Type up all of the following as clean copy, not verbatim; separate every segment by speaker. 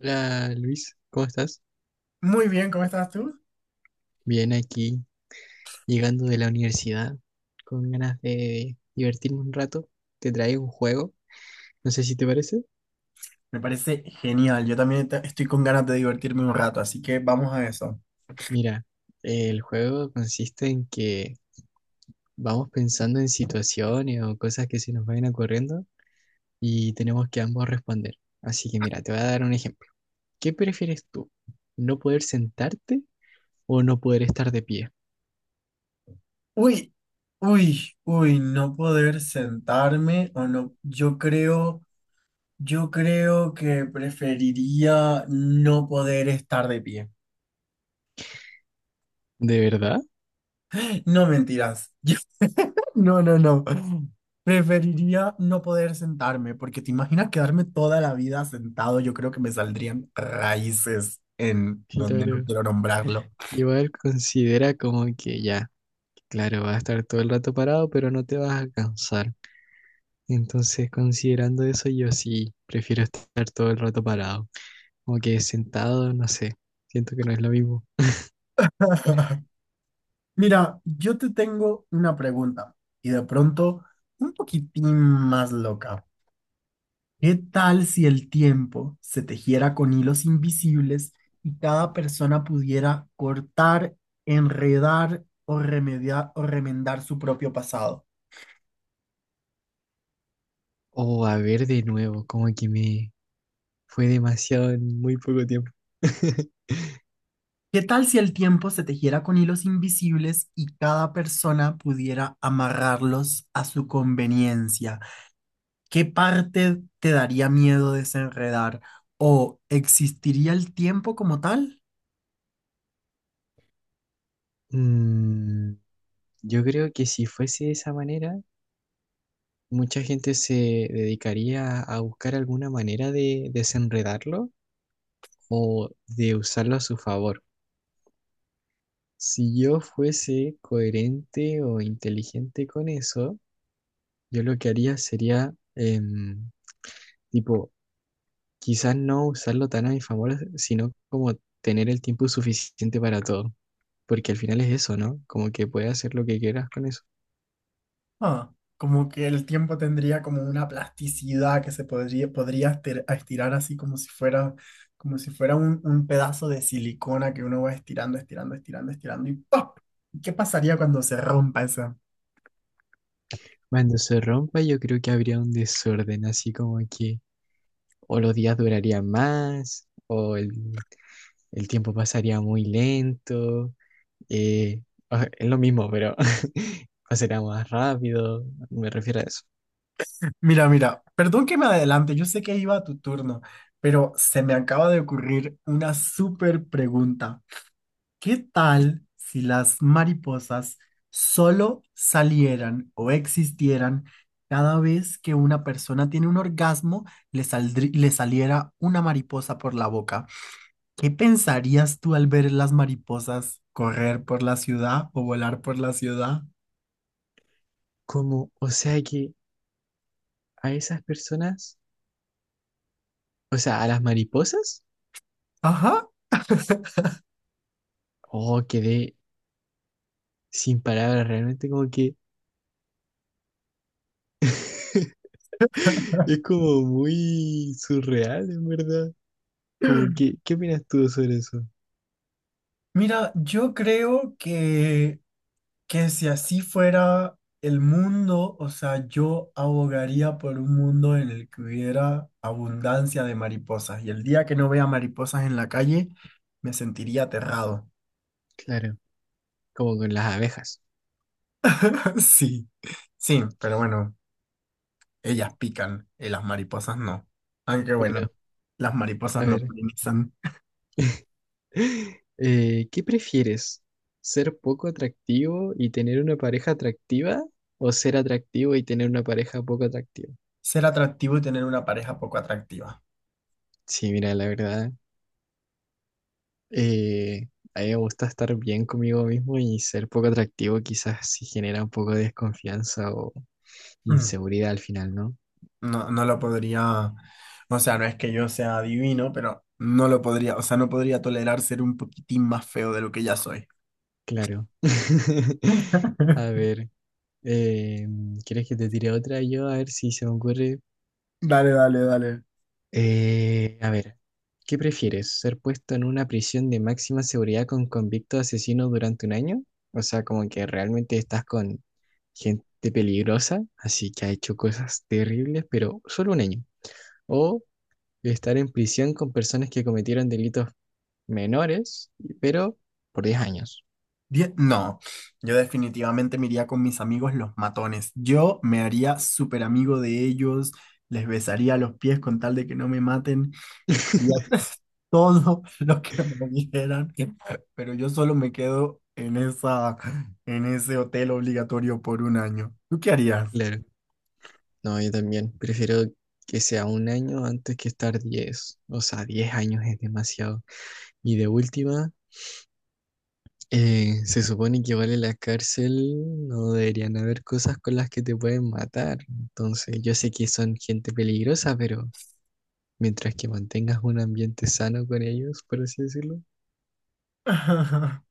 Speaker 1: Hola Luis, ¿cómo estás?
Speaker 2: Muy bien, ¿cómo estás tú?
Speaker 1: Bien aquí, llegando de la universidad, con ganas de divertirme un rato. Te traigo un juego, no sé si te parece.
Speaker 2: Me parece genial. Yo también estoy con ganas de divertirme un rato, así que vamos a eso.
Speaker 1: Mira, el juego consiste en que vamos pensando en situaciones o cosas que se nos vayan ocurriendo y tenemos que ambos responder. Así que mira, te voy a dar un ejemplo. ¿Qué prefieres tú? ¿No poder sentarte o no poder estar de pie?
Speaker 2: Uy, uy, uy, no poder sentarme o no. Yo creo que preferiría no poder estar de pie.
Speaker 1: ¿De verdad?
Speaker 2: No mentiras. No, no, no. Preferiría no poder sentarme, porque te imaginas quedarme toda la vida sentado. Yo creo que me saldrían raíces en donde no
Speaker 1: Claro.
Speaker 2: quiero nombrarlo.
Speaker 1: Igual considera como que ya. Claro, vas a estar todo el rato parado, pero no te vas a cansar. Entonces, considerando eso, yo sí prefiero estar todo el rato parado. Como que sentado, no sé, siento que no es lo mismo.
Speaker 2: Mira, yo te tengo una pregunta y de pronto un poquitín más loca. ¿Qué tal si el tiempo se tejiera con hilos invisibles y cada persona pudiera cortar, enredar o remediar o remendar su propio pasado?
Speaker 1: O a ver de nuevo, como que me fue demasiado en muy poco tiempo.
Speaker 2: ¿Qué tal si el tiempo se tejiera con hilos invisibles y cada persona pudiera amarrarlos a su conveniencia? ¿Qué parte te daría miedo desenredar? ¿O existiría el tiempo como tal?
Speaker 1: Mm, yo creo que si fuese de esa manera, mucha gente se dedicaría a buscar alguna manera de desenredarlo o de usarlo a su favor. Si yo fuese coherente o inteligente con eso, yo lo que haría sería, tipo, quizás no usarlo tan a mi favor, sino como tener el tiempo suficiente para todo, porque al final es eso, ¿no? Como que puedes hacer lo que quieras con eso.
Speaker 2: Ah, como que el tiempo tendría como una plasticidad que se podría estirar así como si fuera un pedazo de silicona que uno va estirando, estirando, estirando, estirando y ¡pop! ¿Qué pasaría cuando se rompa esa?
Speaker 1: Cuando se rompa, yo creo que habría un desorden, así como que o los días durarían más, o el tiempo pasaría muy lento. Eh, o sea, es lo mismo, pero o será más rápido, me refiero a eso.
Speaker 2: Mira, mira, perdón que me adelante, yo sé que iba a tu turno, pero se me acaba de ocurrir una súper pregunta. ¿Qué tal si las mariposas solo salieran o existieran cada vez que una persona tiene un orgasmo, le saliera una mariposa por la boca? ¿Qué pensarías tú al ver las mariposas correr por la ciudad o volar por la ciudad?
Speaker 1: Como, o sea que a esas personas, o sea, a las mariposas,
Speaker 2: Ajá.
Speaker 1: oh, quedé sin palabras, realmente como que es como muy surreal, en verdad. Como que, ¿qué opinas tú sobre eso?
Speaker 2: Mira, yo creo que si así fuera el mundo, o sea, yo abogaría por un mundo en el que hubiera abundancia de mariposas. Y el día que no vea mariposas en la calle, me sentiría aterrado.
Speaker 1: Claro, como con las abejas.
Speaker 2: Sí, sí, pero bueno, ellas pican y las mariposas no. Aunque bueno,
Speaker 1: Bueno,
Speaker 2: las mariposas
Speaker 1: a
Speaker 2: no
Speaker 1: ver.
Speaker 2: polinizan.
Speaker 1: ¿Qué prefieres? ¿Ser poco atractivo y tener una pareja atractiva? ¿O ser atractivo y tener una pareja poco atractiva?
Speaker 2: Ser atractivo y tener una pareja poco atractiva.
Speaker 1: Sí, mira, la verdad, eh, a mí me gusta estar bien conmigo mismo y ser poco atractivo quizás sí genera un poco de desconfianza o
Speaker 2: Mm.
Speaker 1: inseguridad al final, ¿no?
Speaker 2: No, no lo podría, o sea, no es que yo sea divino, pero no lo podría, o sea, no podría tolerar ser un poquitín más feo de lo que ya soy.
Speaker 1: Claro. A ver, eh, ¿quieres que te tire otra yo? A ver si se me ocurre.
Speaker 2: Dale, dale, dale.
Speaker 1: A ver, ¿qué prefieres? ¿Ser puesto en una prisión de máxima seguridad con convicto de asesino durante 1 año? O sea, como que realmente estás con gente peligrosa, así que ha hecho cosas terribles, pero solo 1 año. O estar en prisión con personas que cometieron delitos menores, pero por 10 años.
Speaker 2: No, yo definitivamente me iría con mis amigos los matones. Yo me haría súper amigo de ellos, les besaría los pies con tal de que no me maten, haría todo lo que me dijeran, pero yo solo me quedo en esa, en ese hotel obligatorio por un año. ¿Tú qué harías?
Speaker 1: Claro. No, yo también prefiero que sea 1 año antes que estar 10. O sea, 10 años es demasiado. Y de última... se supone que vale la cárcel, no deberían haber cosas con las que te pueden matar. Entonces, yo sé que son gente peligrosa, pero mientras que mantengas un ambiente sano con ellos, por así decirlo.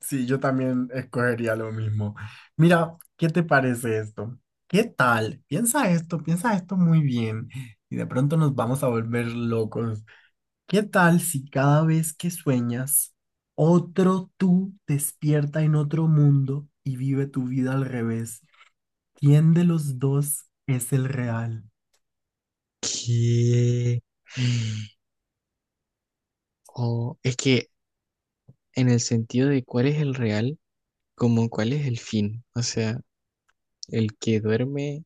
Speaker 2: Sí, yo también escogería lo mismo. Mira, ¿qué te parece esto? ¿Qué tal? Piensa esto muy bien y de pronto nos vamos a volver locos. ¿Qué tal si cada vez que sueñas, otro tú despierta en otro mundo y vive tu vida al revés? ¿Quién de los dos es el real?
Speaker 1: Que... O es que en el sentido de cuál es el real, como cuál es el fin. O sea, el que duerme,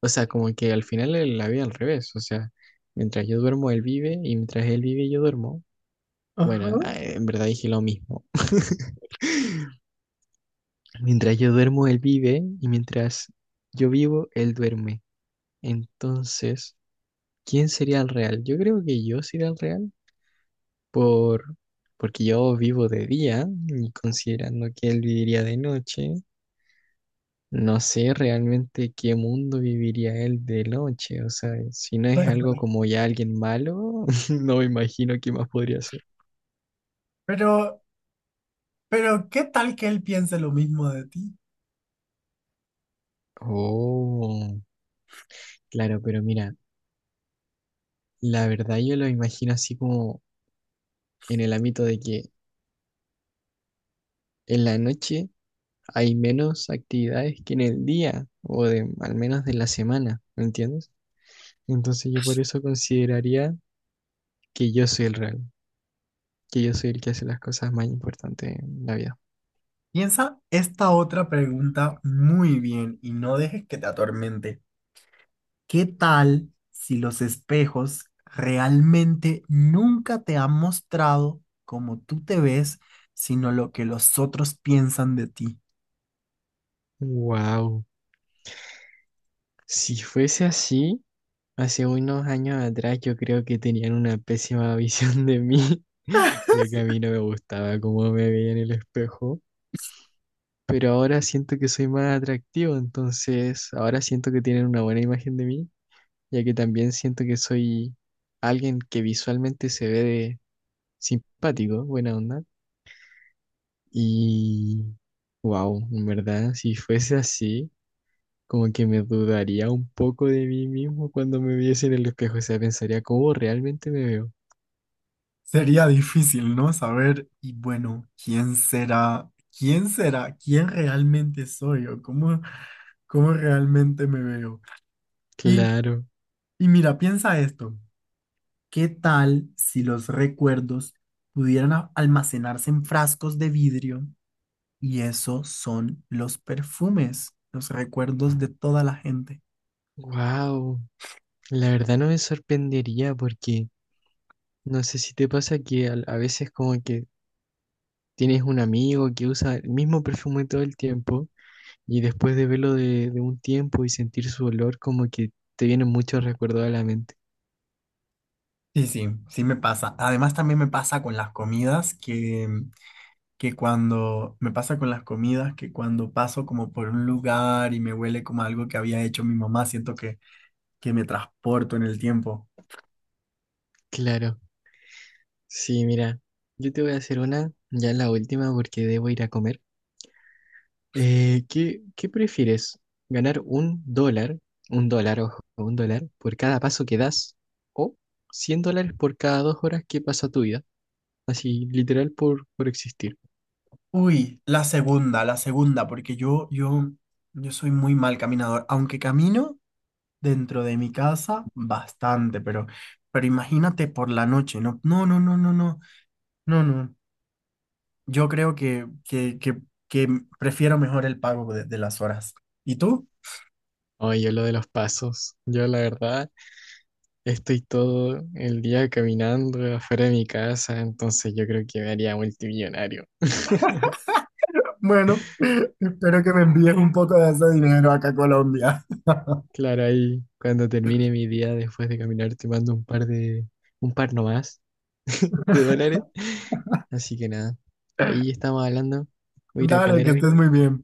Speaker 1: o sea, como que al final la vida al revés. O sea, mientras yo duermo, él vive, y mientras él vive, yo duermo.
Speaker 2: Ajá.
Speaker 1: Bueno, ah, en verdad dije lo mismo. Mientras yo duermo, él vive y mientras yo vivo, él duerme. Entonces, ¿quién sería el real? Yo creo que yo sería el real por porque yo vivo de día y considerando que él viviría de noche, no sé realmente qué mundo viviría él de noche. O sea, si no es algo como ya alguien malo, no me imagino qué más podría ser.
Speaker 2: Pero, pero, ¿qué tal que él piense lo mismo de ti?
Speaker 1: Oh, claro, pero mira, la verdad yo lo imagino así como en el ámbito de que en la noche hay menos actividades que en el día o al menos de la semana, ¿me entiendes? Entonces yo por eso consideraría que yo soy el real, que yo soy el que hace las cosas más importantes en la vida.
Speaker 2: Piensa esta otra pregunta muy bien y no dejes que te atormente. ¿Qué tal si los espejos realmente nunca te han mostrado cómo tú te ves, sino lo que los otros piensan de ti?
Speaker 1: Wow, si fuese así, hace unos años atrás yo creo que tenían una pésima visión de mí, ya que a mí no me gustaba cómo me veía en el espejo. Pero ahora siento que soy más atractivo, entonces ahora siento que tienen una buena imagen de mí ya que también siento que soy alguien que visualmente se ve de simpático, buena onda. Y wow, en verdad, si fuese así, como que me dudaría un poco de mí mismo cuando me viese en el espejo, o sea, pensaría cómo realmente me veo.
Speaker 2: Sería difícil, ¿no? Saber, y bueno, ¿quién será? ¿Quién será? ¿Quién realmente soy? ¿O cómo, cómo realmente me veo? Y,
Speaker 1: Claro,
Speaker 2: y mira, piensa esto. ¿Qué tal si los recuerdos pudieran almacenarse en frascos de vidrio? Y eso son los perfumes, los recuerdos de toda la gente.
Speaker 1: wow, la verdad no me sorprendería porque no sé si te pasa que veces como que tienes un amigo que usa el mismo perfume todo el tiempo. Y después de verlo de un tiempo y sentir su olor, como que te vienen muchos recuerdos a la mente.
Speaker 2: Sí, sí, sí me pasa. Además también me pasa con las comidas que cuando me pasa con las comidas que cuando paso como por un lugar y me huele como algo que había hecho mi mamá, siento que me transporto en el tiempo.
Speaker 1: Claro, sí, mira, yo te voy a hacer una, ya la última porque debo ir a comer. ¿Qué prefieres? ¿Ganar $1, $1, ojo, $1 por cada paso que das o $100 por cada 2 horas que pasa tu vida? Así, literal por existir.
Speaker 2: Uy, la segunda, porque yo soy muy mal caminador, aunque camino. Dentro de mi casa bastante, pero imagínate por la noche, no, no, no, no, no, no, no, no. Yo creo que prefiero mejor el pago de las horas. ¿Y tú?
Speaker 1: Oye, yo lo de los pasos, yo la verdad estoy todo el día caminando afuera de mi casa, entonces yo creo que me haría multimillonario.
Speaker 2: Bueno, espero que me envíes un poco de ese dinero acá a Colombia.
Speaker 1: Claro, ahí cuando termine mi día después de caminar te mando un par nomás de dólares. Así que nada, ahí estamos hablando. Voy a ir a
Speaker 2: Dale,
Speaker 1: comer
Speaker 2: que estés
Speaker 1: algo.
Speaker 2: muy bien.